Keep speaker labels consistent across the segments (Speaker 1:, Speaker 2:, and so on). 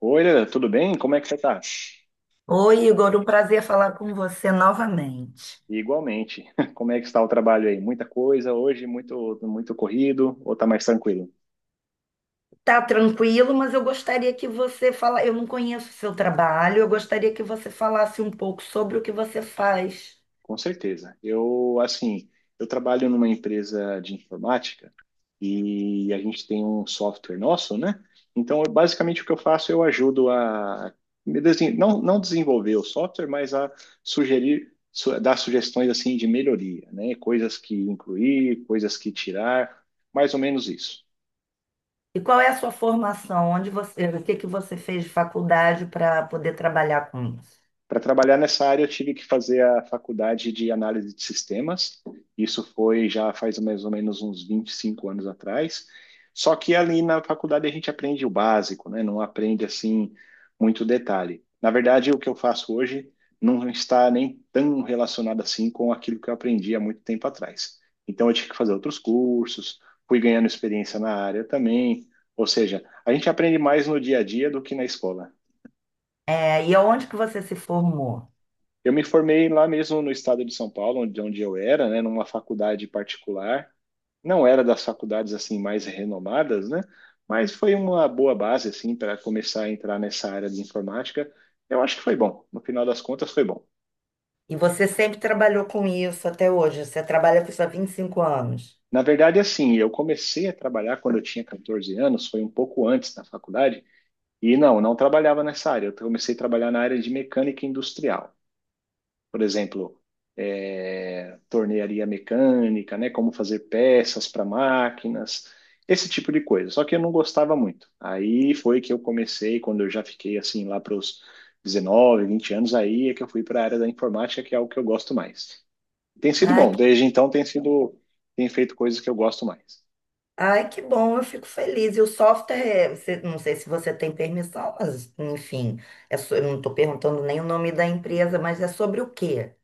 Speaker 1: Oi, Leda, tudo bem? Como é que você está?
Speaker 2: Oi, Igor, um prazer falar com você novamente.
Speaker 1: Igualmente. Como é que está o trabalho aí? Muita coisa hoje, muito corrido ou está mais tranquilo?
Speaker 2: Tá tranquilo, mas eu gostaria que você fala. Eu não conheço o seu trabalho, eu gostaria que você falasse um pouco sobre o que você faz.
Speaker 1: Com certeza. Eu, assim, eu trabalho numa empresa de informática e a gente tem um software nosso, né? Então, basicamente o que eu faço, eu ajudo a me desen- não não desenvolver o software, mas a dar sugestões assim de melhoria, né? Coisas que incluir, coisas que tirar, mais ou menos isso.
Speaker 2: E qual é a sua formação? Onde você, o que que você fez de faculdade para poder trabalhar com isso?
Speaker 1: Para trabalhar nessa área, eu tive que fazer a faculdade de análise de sistemas. Isso foi já faz mais ou menos uns 25 anos atrás. Só que ali na faculdade a gente aprende o básico, né? Não aprende assim muito detalhe. Na verdade, o que eu faço hoje não está nem tão relacionado assim com aquilo que eu aprendi há muito tempo atrás. Então, eu tive que fazer outros cursos, fui ganhando experiência na área também. Ou seja, a gente aprende mais no dia a dia do que na escola.
Speaker 2: É, e aonde que você se formou?
Speaker 1: Eu me formei lá mesmo no estado de São Paulo, onde eu era, né, numa faculdade particular. Não era das faculdades assim mais renomadas, né? Mas foi uma boa base assim para começar a entrar nessa área de informática. Eu acho que foi bom. No final das contas, foi bom.
Speaker 2: E você sempre trabalhou com isso até hoje? Você trabalha com isso há 25 anos.
Speaker 1: Na verdade, assim, eu comecei a trabalhar quando eu tinha 14 anos, foi um pouco antes da faculdade, e não, não trabalhava nessa área. Eu comecei a trabalhar na área de mecânica industrial. Por exemplo, é, tornearia mecânica, né? Como fazer peças para máquinas, esse tipo de coisa. Só que eu não gostava muito. Aí foi que eu comecei, quando eu já fiquei assim lá para os 19, 20 anos, aí é que eu fui para a área da informática, que é o que eu gosto mais. Tem sido
Speaker 2: Ai,
Speaker 1: bom, desde então tem sido, tem feito coisas que eu gosto mais.
Speaker 2: Ai, que bom, eu fico feliz. E o software, não sei se você tem permissão, mas enfim, eu não estou perguntando nem o nome da empresa, mas é sobre o quê?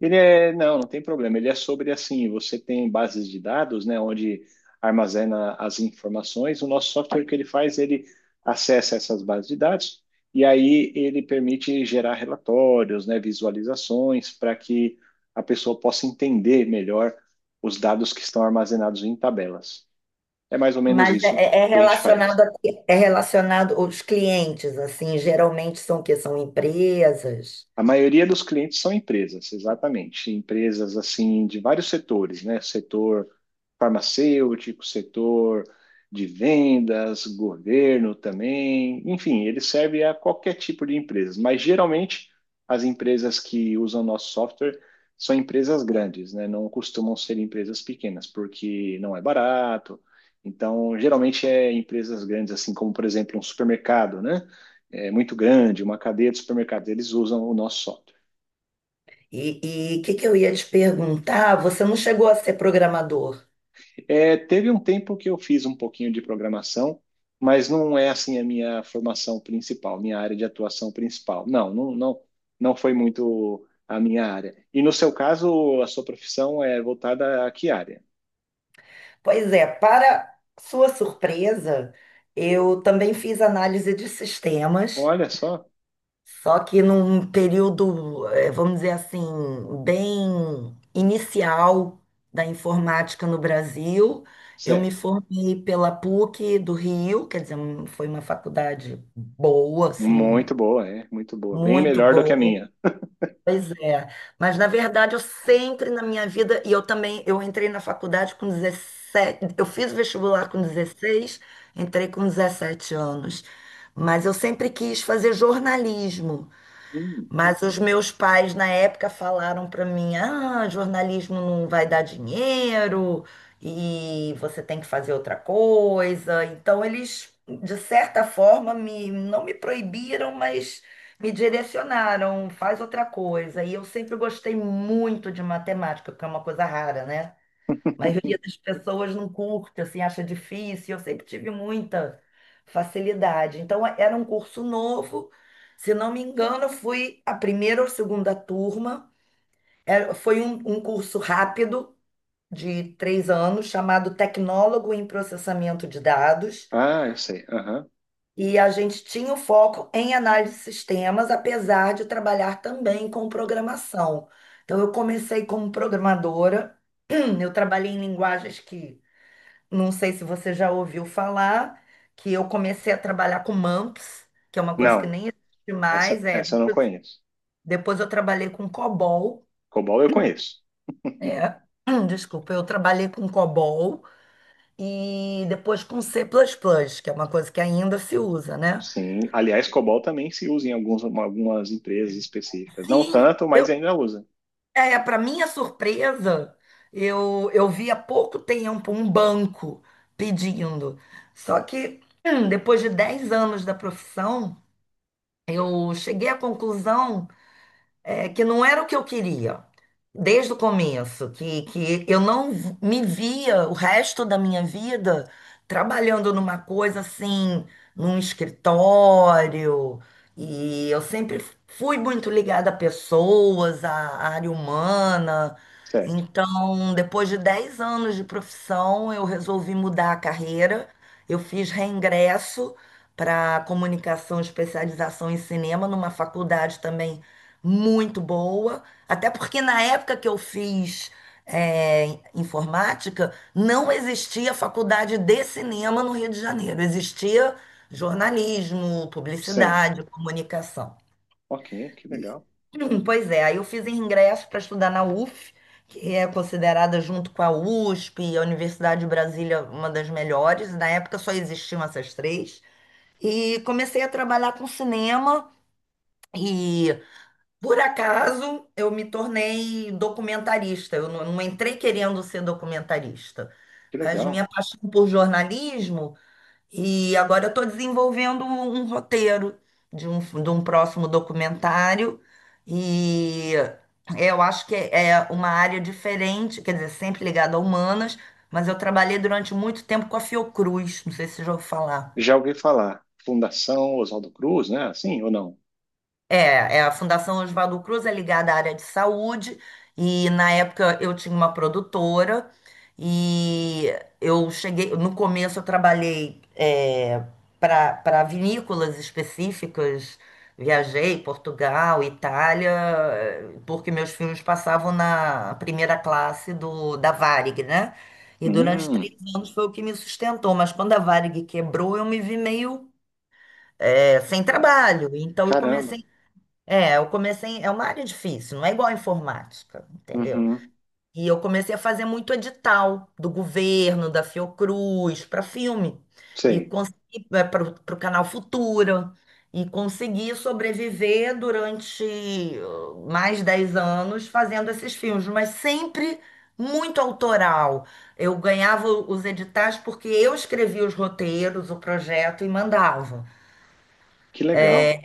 Speaker 1: Ele é, não, não tem problema. Ele é sobre assim, você tem bases de dados, né, onde armazena as informações. O nosso software o que ele faz, ele acessa essas bases de dados e aí ele permite gerar relatórios, né, visualizações para que a pessoa possa entender melhor os dados que estão armazenados em tabelas. É mais ou menos
Speaker 2: Mas é,
Speaker 1: isso
Speaker 2: é
Speaker 1: que a gente faz.
Speaker 2: relacionado a, quê? É relacionado os clientes, assim, geralmente são o quê? São empresas.
Speaker 1: A maioria dos clientes são empresas, exatamente. Empresas assim de vários setores, né? Setor farmacêutico, setor de vendas, governo também. Enfim, ele serve a qualquer tipo de empresa, mas geralmente as empresas que usam nosso software são empresas grandes, né? Não costumam ser empresas pequenas, porque não é barato. Então, geralmente é empresas grandes, assim como, por exemplo, um supermercado, né? É, muito grande, uma cadeia de supermercados, eles usam o nosso software.
Speaker 2: E o que, que eu ia te perguntar? Você não chegou a ser programador.
Speaker 1: É, teve um tempo que eu fiz um pouquinho de programação, mas não é assim a minha formação principal, minha área de atuação principal. Não, não foi muito a minha área. E no seu caso, a sua profissão é voltada a que área?
Speaker 2: Pois é, para sua surpresa, eu também fiz análise de sistemas.
Speaker 1: Olha só,
Speaker 2: Só que num período, vamos dizer assim, bem inicial da informática no Brasil, eu me
Speaker 1: certo.
Speaker 2: formei pela PUC do Rio, quer dizer, foi uma faculdade boa, assim,
Speaker 1: Muito boa, é, muito boa. Bem
Speaker 2: muito
Speaker 1: melhor do que a
Speaker 2: boa.
Speaker 1: minha.
Speaker 2: Pois é. Mas, na verdade, eu sempre na minha vida, e eu também, eu entrei na faculdade com 17, eu fiz o vestibular com 16, entrei com 17 anos. Mas eu sempre quis fazer jornalismo.
Speaker 1: Hum.
Speaker 2: Mas os meus pais na época falaram para mim: ah, jornalismo não vai dar dinheiro e você tem que fazer outra coisa. Então eles, de certa forma, me, não me proibiram, mas me direcionaram, faz outra coisa. E eu sempre gostei muito de matemática, porque é uma coisa rara, né? A maioria das pessoas não curte, assim, acha difícil. Eu sempre tive muita facilidade. Então, é, era um curso novo. Se não me engano, eu fui a primeira ou segunda turma. Foi um curso rápido, de três anos, chamado Tecnólogo em Processamento de Dados.
Speaker 1: Ah, eu sei. Aham.
Speaker 2: E a gente tinha o foco em análise de sistemas, apesar de trabalhar também com programação. Então, eu comecei como programadora. Eu trabalhei em linguagens que não sei se você já ouviu falar que eu comecei a trabalhar com mumps, que é uma coisa que
Speaker 1: Não,
Speaker 2: nem existe mais.
Speaker 1: essa,
Speaker 2: É.
Speaker 1: essa eu não
Speaker 2: Depois,
Speaker 1: conheço.
Speaker 2: depois eu trabalhei com COBOL.
Speaker 1: COBOL eu conheço.
Speaker 2: É. Desculpa, eu trabalhei com COBOL e depois com C++, plus plus, que é uma coisa que ainda se usa, né?
Speaker 1: Sim, aliás, COBOL também se usa em alguns, algumas empresas específicas. Não
Speaker 2: Sim,
Speaker 1: tanto,
Speaker 2: eu,
Speaker 1: mas ainda usa.
Speaker 2: é, para minha surpresa, eu vi há pouco tempo um banco pedindo. Só que depois de 10 anos da profissão, eu cheguei à conclusão é, que não era o que eu queria desde o começo, que, eu não v- me via o resto da minha vida trabalhando numa coisa assim, num escritório, e eu sempre fui muito ligada a pessoas, à área humana.
Speaker 1: Certo.
Speaker 2: Então, depois de 10 anos de profissão, eu resolvi mudar a carreira. Eu fiz reingresso para comunicação, especialização em cinema, numa faculdade também muito boa, até porque na época que eu fiz informática, não existia faculdade de cinema no Rio de Janeiro, existia jornalismo,
Speaker 1: Sim.
Speaker 2: publicidade, comunicação.
Speaker 1: Ok, que legal.
Speaker 2: Pois é, aí eu fiz ingresso para estudar na UF, que é considerada junto com a USP, a Universidade de Brasília, uma das melhores. Na época só existiam essas três. E comecei a trabalhar com cinema. E por acaso, eu me tornei documentarista. Eu não entrei querendo ser documentarista,
Speaker 1: Que
Speaker 2: mas
Speaker 1: legal.
Speaker 2: minha paixão por jornalismo, e agora eu estou desenvolvendo um roteiro de de um próximo documentário, e eu acho que é uma área diferente, quer dizer, sempre ligada a humanas, mas eu trabalhei durante muito tempo com a Fiocruz, não sei se você já ouviu falar.
Speaker 1: Já ouvi falar. Fundação Oswaldo Cruz, né? Assim ou não?
Speaker 2: É, a Fundação Oswaldo Cruz é ligada à área de saúde e na época eu tinha uma produtora e eu cheguei, no começo eu trabalhei para vinícolas específicas, viajei Portugal, Itália, porque meus filmes passavam na primeira classe do da Varig, né? E durante três
Speaker 1: Hum,
Speaker 2: anos foi o que me sustentou, mas quando a Varig quebrou eu me vi meio é, sem
Speaker 1: ah,
Speaker 2: trabalho, então
Speaker 1: caramba.
Speaker 2: eu comecei. É uma área difícil, não é igual a informática, entendeu?
Speaker 1: Uhum.
Speaker 2: E eu comecei a fazer muito edital do governo, da Fiocruz, para filme. E
Speaker 1: Sei.
Speaker 2: consegui para o canal Futura. E consegui sobreviver durante mais 10 anos fazendo esses filmes, mas sempre muito autoral. Eu ganhava os editais porque eu escrevia os roteiros, o projeto e mandava.
Speaker 1: Que legal.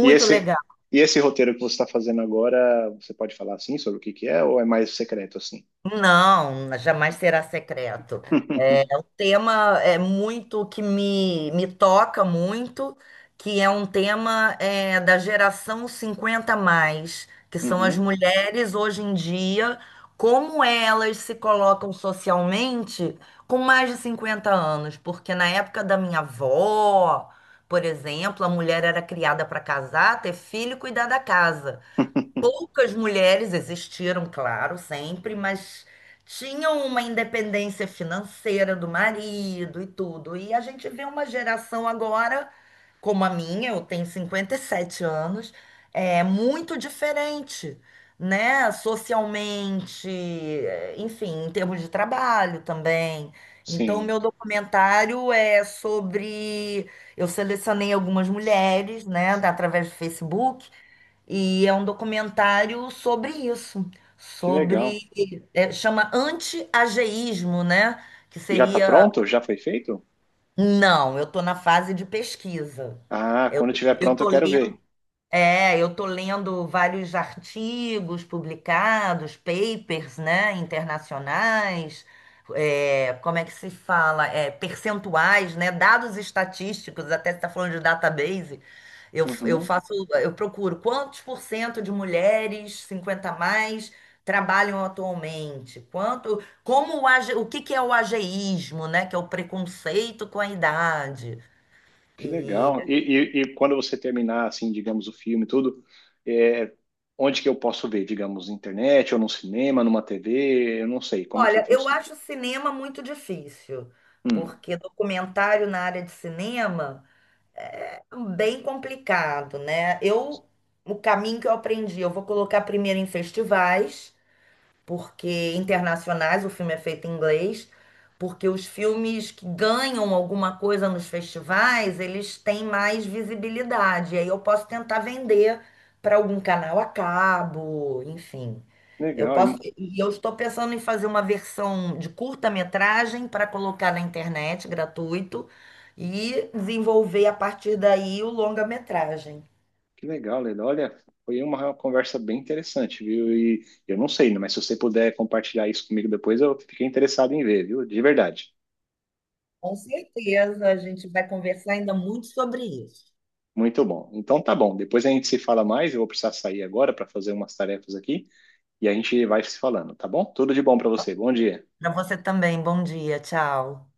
Speaker 1: E
Speaker 2: legal.
Speaker 1: esse, e esse roteiro que você está fazendo agora, você pode falar assim sobre o que que é ou é mais secreto assim?
Speaker 2: Não, jamais será secreto. Tema é muito que me toca muito, que é um tema é, da geração 50 mais, que são as
Speaker 1: Uhum.
Speaker 2: mulheres hoje em dia, como elas se colocam socialmente com mais de 50 anos, porque na época da minha avó, por exemplo, a mulher era criada para casar, ter filho e cuidar da casa. Poucas mulheres existiram, claro, sempre, mas tinham uma independência financeira do marido e tudo. E a gente vê uma geração agora, como a minha, eu tenho 57 anos, é muito diferente, né? Socialmente, enfim, em termos de trabalho também. Então, o
Speaker 1: Sim.
Speaker 2: meu documentário é sobre. Eu selecionei algumas mulheres, né, através do Facebook e é um documentário sobre isso,
Speaker 1: Que legal.
Speaker 2: sobre, é, chama anti-ageísmo, né? Que
Speaker 1: Já está
Speaker 2: seria,
Speaker 1: pronto? Já foi feito?
Speaker 2: não, eu estou na fase de pesquisa.
Speaker 1: Ah,
Speaker 2: Eu,
Speaker 1: quando estiver
Speaker 2: eu
Speaker 1: pronto eu
Speaker 2: tô
Speaker 1: quero
Speaker 2: lendo
Speaker 1: ver.
Speaker 2: é, eu tô lendo vários artigos publicados, papers, né, internacionais, é, como é que se fala? É, percentuais, né, dados estatísticos, até você está falando de database. Eu
Speaker 1: Uhum,
Speaker 2: faço, eu procuro quantos por cento de mulheres 50 a mais trabalham atualmente? Quanto, o que que é o ageísmo, né, que é o preconceito com a idade.
Speaker 1: que legal. E, e quando você terminar, assim, digamos, o filme e tudo, é, onde que eu posso ver? Digamos, na internet, ou num cinema, numa TV, eu não sei como que
Speaker 2: Olha, eu
Speaker 1: funciona.
Speaker 2: acho cinema muito difícil,
Speaker 1: Hum,
Speaker 2: porque documentário na área de cinema é um bem complicado, né? Eu, o caminho que eu aprendi, eu vou colocar primeiro em festivais porque internacionais, o filme é feito em inglês, porque os filmes que ganham alguma coisa nos festivais, eles têm mais visibilidade. Aí eu posso tentar vender para algum canal a cabo, enfim. Eu
Speaker 1: legal,
Speaker 2: posso, e eu estou pensando em fazer uma versão de curta-metragem para colocar na internet, gratuito, e desenvolver a partir daí o longa-metragem.
Speaker 1: que legal, Leda. Olha, foi uma conversa bem interessante, viu? E eu não sei, né, mas se você puder compartilhar isso comigo depois, eu fiquei interessado em ver, viu? De verdade.
Speaker 2: Com certeza, a gente vai conversar ainda muito sobre isso.
Speaker 1: Muito bom. Então tá bom. Depois a gente se fala mais. Eu vou precisar sair agora para fazer umas tarefas aqui. E a gente vai se falando, tá bom? Tudo de bom para você. Bom dia.
Speaker 2: Para você também, bom dia, tchau.